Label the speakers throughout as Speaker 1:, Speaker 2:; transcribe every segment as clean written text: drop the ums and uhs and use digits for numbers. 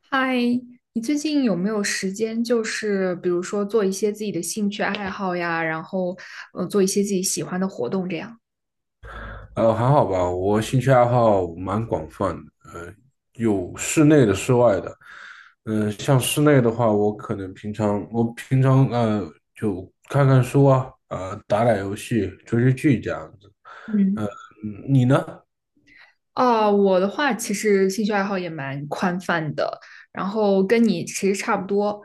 Speaker 1: 嗨，你最近有没有时间？就是比如说做一些自己的兴趣爱好呀，然后做一些自己喜欢的活动这样。
Speaker 2: 还好吧，我兴趣爱好蛮广泛的，有室内的、室外的。像室内的话，我平常就看看书啊，打打游戏、追追剧这样子。
Speaker 1: 嗯，
Speaker 2: 呃，你呢？
Speaker 1: 哦，我的话其实兴趣爱好也蛮宽泛的，然后跟你其实差不多。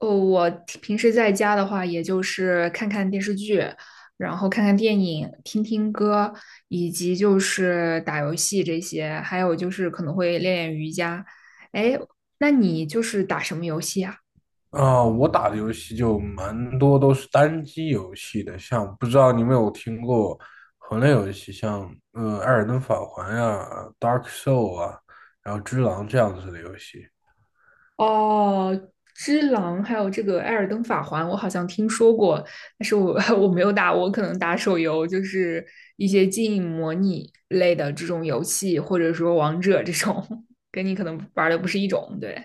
Speaker 1: 我平时在家的话，也就是看看电视剧，然后看看电影，听听歌，以及就是打游戏这些，还有就是可能会练练瑜伽。哎，那你就是打什么游戏啊？
Speaker 2: 啊、我打的游戏就蛮多都是单机游戏的，像不知道你有没有听过魂类游戏，像《艾尔登法环》呀、《Dark Soul》啊，然后《只狼》这样子的游戏。
Speaker 1: 哦，《只狼》还有这个《艾尔登法环》，我好像听说过，但是我 我没有打，我可能打手游，就是一些经营模拟类的这种游戏，或者说王者这种，跟你可能玩的不是一种，对。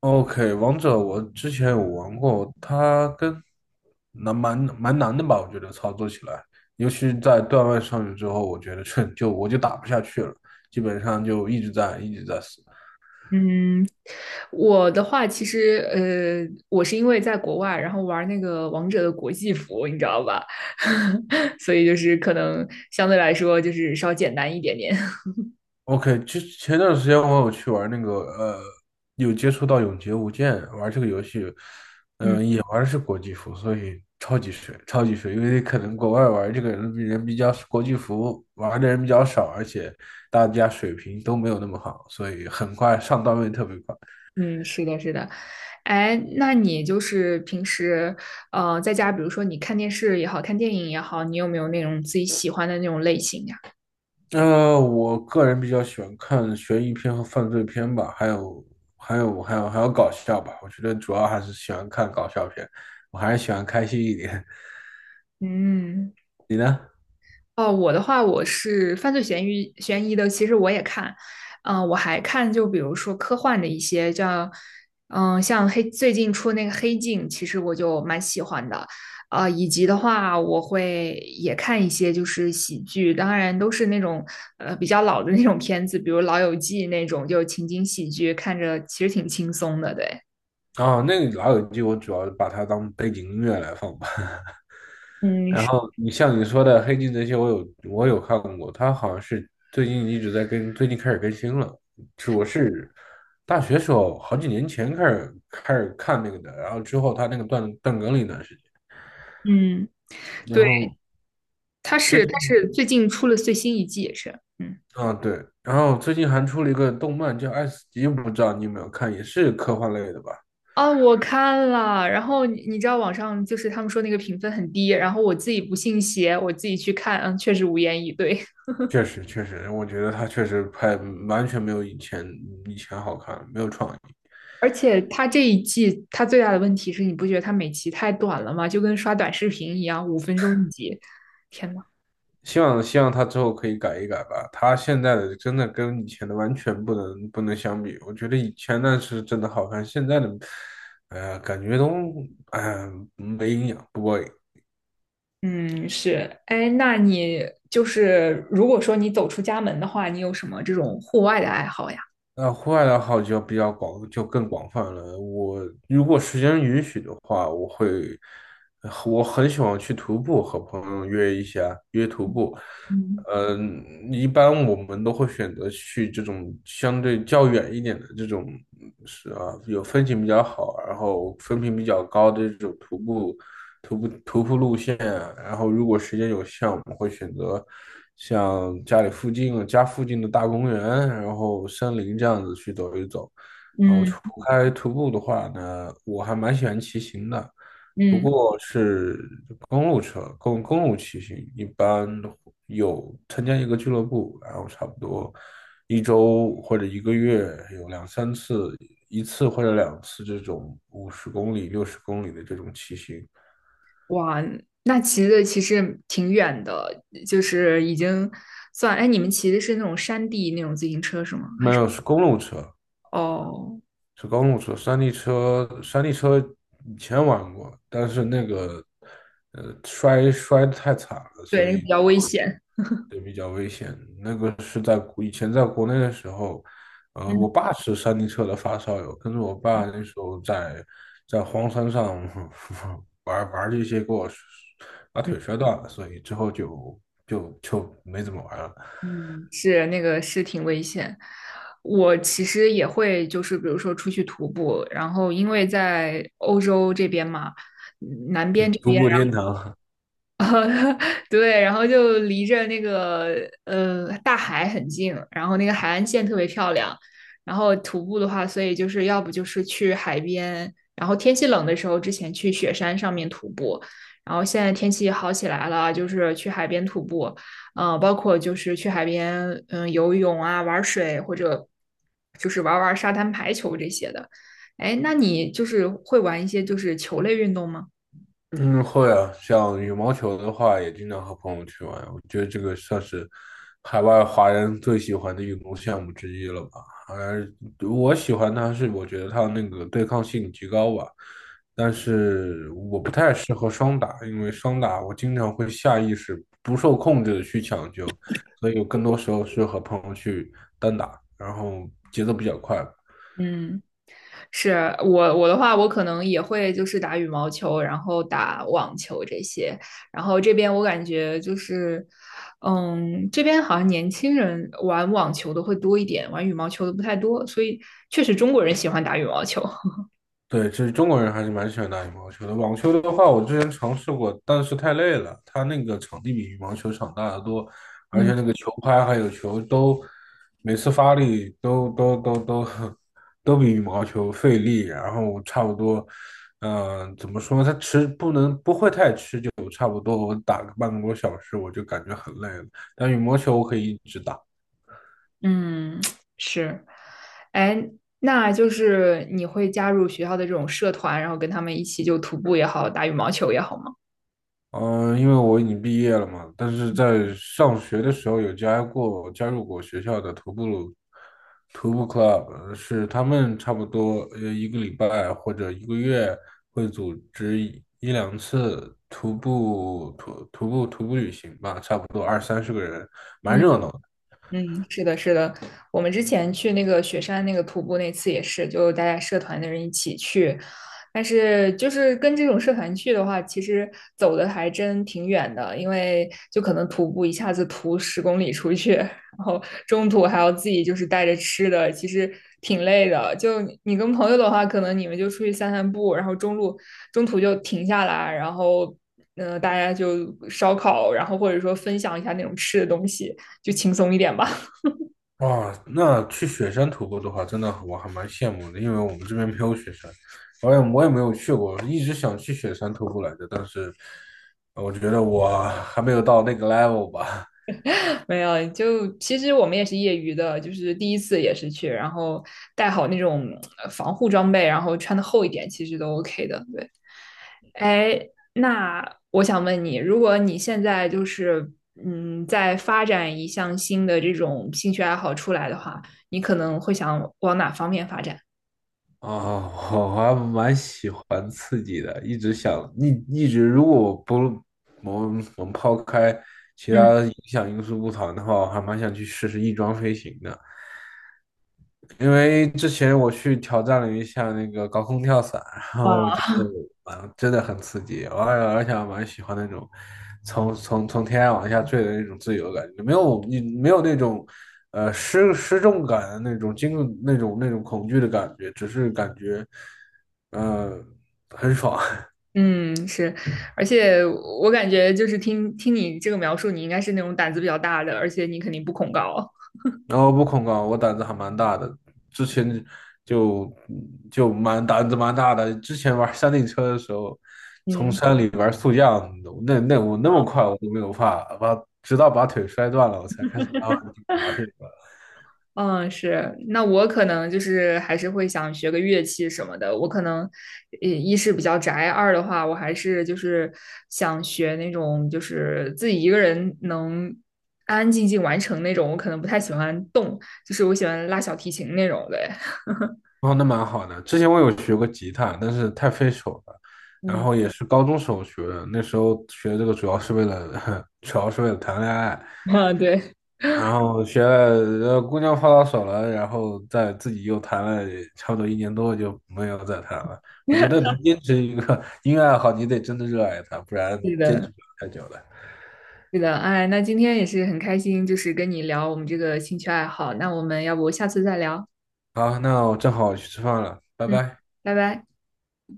Speaker 2: OK,王者我之前有玩过，它跟难蛮蛮难的吧？我觉得操作起来，尤其在段位上去之后，我觉得我就打不下去了，基本上就一直在死。
Speaker 1: 嗯，我的话其实，我是因为在国外，然后玩那个王者的国际服，你知道吧？所以就是可能相对来说就是稍简单一点点。
Speaker 2: OK,其实前段时间我有去玩有接触到《永劫无间》玩这个游戏，
Speaker 1: 嗯。
Speaker 2: 玩的是国际服，所以超级水，超级水。因为可能国外玩这个人比人比较国际服玩的人比较少，而且大家水平都没有那么好，所以很快上段位特别快。
Speaker 1: 嗯，是的，是的，哎，那你就是平时，在家，比如说你看电视也好看电影也好，你有没有那种自己喜欢的那种类型呀？
Speaker 2: 我个人比较喜欢看悬疑片和犯罪片吧，还有搞笑吧。我觉得主要还是喜欢看搞笑片，我还是喜欢开心一点。
Speaker 1: 嗯。
Speaker 2: 你呢？
Speaker 1: 哦，我的话，我是犯罪悬疑的，其实我也看，我还看，就比如说科幻的一些，像最近出那个《黑镜》，其实我就蛮喜欢的，啊、以及的话，我会也看一些就是喜剧，当然都是那种比较老的那种片子，比如《老友记》那种，就情景喜剧，看着其实挺轻松的，对，
Speaker 2: 哦，那个《老友记》我主要把它当背景音乐来放吧。
Speaker 1: 嗯，
Speaker 2: 然
Speaker 1: 是，
Speaker 2: 后你像你说的《黑镜》这些，我有看过，他好像是最近一直在更，最近开始更新了。是我是大学时候好几年前开始看那个的，然后之后他那个断更了一段时间。
Speaker 1: 嗯，
Speaker 2: 然
Speaker 1: 对，
Speaker 2: 后
Speaker 1: 它
Speaker 2: 最
Speaker 1: 是它
Speaker 2: 近
Speaker 1: 是最近出了最新一季，也是，嗯。
Speaker 2: 啊对，然后最近还出了一个动漫叫《爱死机》，不知道你有没有看，也是科幻类的吧？
Speaker 1: 啊，我看了，然后你知道网上就是他们说那个评分很低，然后我自己不信邪，我自己去看，嗯，确实无言以对。
Speaker 2: 确实确实，我觉得他确实拍完全没有以前好看，没有创意。
Speaker 1: 而且他这一季他最大的问题是你不觉得他每集太短了吗？就跟刷短视频一样，5分钟一集。天呐，
Speaker 2: 希望他之后可以改一改吧。他现在的真的跟以前的完全不能相比。我觉得以前那是真的好看，现在的，哎呀，感觉都哎呀没营养，不过瘾。
Speaker 1: 嗯，是，哎，那你就是如果说你走出家门的话，你有什么这种户外的爱好呀？
Speaker 2: 那户外的好就比较广，就更广泛了。我如果时间允许的话，我会，我很喜欢去徒步，和朋友约一下，约徒步。
Speaker 1: 嗯
Speaker 2: 嗯，一般我们都会选择去这种相对较远一点的这种，是啊，有风景比较好，然后风评比较高的这种徒步路线，然后如果时间有限，我们会选择像家里附近、家附近的大公园，然后森林这样子去走一走。然后除
Speaker 1: 嗯
Speaker 2: 开徒步的话呢，我还蛮喜欢骑行的，不
Speaker 1: 嗯。
Speaker 2: 过是公路车，公路骑行，一般有参加一个俱乐部，然后差不多一周或者一个月有两三次，一次或者两次这种50公里、60公里的这种骑行。
Speaker 1: 哇，那骑的其实挺远的，就是已经算，哎，你们骑的是那种山地那种自行车是吗？
Speaker 2: 没有，是公路车，
Speaker 1: 哦，
Speaker 2: 是公路车。山地车，山地车以前玩过，但是那个，摔得太惨了，
Speaker 1: 对，
Speaker 2: 所
Speaker 1: 那个比
Speaker 2: 以
Speaker 1: 较危险。
Speaker 2: 对，比较危险。那个是以前在国内的时候，我
Speaker 1: 嗯
Speaker 2: 爸是山地车的发烧友，跟着我爸那时候在荒山上 玩玩这些，给我把
Speaker 1: 嗯
Speaker 2: 腿摔断了，所以之后就没怎么玩了。
Speaker 1: 嗯，是那个是挺危险。我其实也会，就是比如说出去徒步，然后因为在欧洲这边嘛，南边这
Speaker 2: 徒
Speaker 1: 边。
Speaker 2: 步天堂，
Speaker 1: 对，然后就离着那个大海很近，然后那个海岸线特别漂亮。然后徒步的话，所以就是要不就是去海边，然后天气冷的时候之前去雪山上面徒步，然后现在天气好起来了，就是去海边徒步，包括就是去海边游泳啊、玩水或者就是玩玩沙滩排球这些的。哎，那你就是会玩一些就是球类运动吗？
Speaker 2: 嗯，会啊，像羽毛球的话，也经常和朋友去玩。我觉得这个算是海外华人最喜欢的运动项目之一了吧。而我喜欢它是，我觉得它那个对抗性极高吧。但是我不太适合双打，因为双打我经常会下意识不受控制的去抢球，所以我更多时候是和朋友去单打，然后节奏比较快，
Speaker 1: 嗯，是我的话，我可能也会就是打羽毛球，然后打网球这些。然后这边我感觉就是，这边好像年轻人玩网球的会多一点，玩羽毛球的不太多。所以确实中国人喜欢打羽毛球。
Speaker 2: 对，其实中国人还是蛮喜欢打羽毛球的。网球的话，我之前尝试过，但是太累了，它那个场地比羽毛球场大得多，而且
Speaker 1: 嗯，
Speaker 2: 那个球拍还有球都，每次发力都都都都 都比羽毛球费力。然后差不多，怎么说呢？它持不能不会太持久，差不多我打个半个多小时我就感觉很累了。但羽毛球我可以一直打。
Speaker 1: 嗯，是。哎，那就是你会加入学校的这种社团，然后跟他们一起就徒步也好，打羽毛球也好吗？
Speaker 2: 嗯，因为我已经毕业了嘛，但是在上学的时候有加入过学校的徒步 club,是他们差不多一个礼拜或者一个月会组织一两次徒步旅行吧，差不多二三十个人，蛮热闹。
Speaker 1: 嗯，是的，是的，我们之前去那个雪山那个徒步那次也是，就大家社团的人一起去，但是就是跟这种社团去的话，其实走的还真挺远的，因为就可能徒步一下子徒10公里出去，然后中途还要自己就是带着吃的，其实挺累的。就你跟朋友的话，可能你们就出去散散步，然后中途就停下来，然后大家就烧烤，然后或者说分享一下那种吃的东西。就轻松一点吧。
Speaker 2: 哇，那去雪山徒步的话，真的我还蛮羡慕的，因为我们这边没有雪山，我也没有去过，一直想去雪山徒步来着，但是我觉得我还没有到那个 level 吧。
Speaker 1: 没有，就其实我们也是业余的，就是第一次也是去，然后带好那种防护装备，然后穿的厚一点，其实都 OK 的。对，哎，那我想问你，如果你现在就是在发展一项新的这种兴趣爱好出来的话，你可能会想往哪方面发展？
Speaker 2: 啊，我还蛮喜欢刺激的，一直想一一直，如果我不我们我们抛开其
Speaker 1: 嗯，
Speaker 2: 他影响因素不谈的话，我还蛮想去试试翼装飞行的。因为之前我去挑战了一下那个高空跳伞，然后我
Speaker 1: 啊
Speaker 2: 觉得蛮真的很刺激，而且我蛮喜欢那种从天上往下坠的那种自由感，没有那种失重感的那种那种恐惧的感觉，只是感觉呃很爽。
Speaker 1: 嗯，是，而且我感觉就是听听你这个描述，你应该是那种胆子比较大的，而且你肯定不恐高。
Speaker 2: 然后不恐高，我胆子还蛮大的，之前就就胆子蛮大的。之前玩山地车的时候，从
Speaker 1: 嗯
Speaker 2: 山里玩速降，那我那么快我都没有怕，直到把腿摔断了，我才开始慢慢地玩。
Speaker 1: 嗯，是，那我可能就是还是会想学个乐器什么的。我可能，一是比较宅，二的话，我还是就是想学那种就是自己一个人能安安静静完成那种。我可能不太喜欢动，就是我喜欢拉小提琴那种的。
Speaker 2: 哦，那蛮好的。之前我有学过吉他，但是太费手了，然
Speaker 1: 嗯，
Speaker 2: 后也是高中时候学的。那时候学这个主要是为了，主要是为了谈恋爱。
Speaker 1: 啊，对，
Speaker 2: 然后学了，姑娘泡到手了，然后再自己又谈了差不多一年多，就没有再谈了。我觉得能 坚持一个 音乐爱好，你得真的热爱它，不然
Speaker 1: 是
Speaker 2: 坚持
Speaker 1: 的，
Speaker 2: 不了太久的。
Speaker 1: 是的。哎，那今天也是很开心，就是跟你聊我们这个兴趣爱好。那我们要不下次再聊？
Speaker 2: 好，那我正好去吃饭了，拜
Speaker 1: 嗯，
Speaker 2: 拜。
Speaker 1: 拜拜。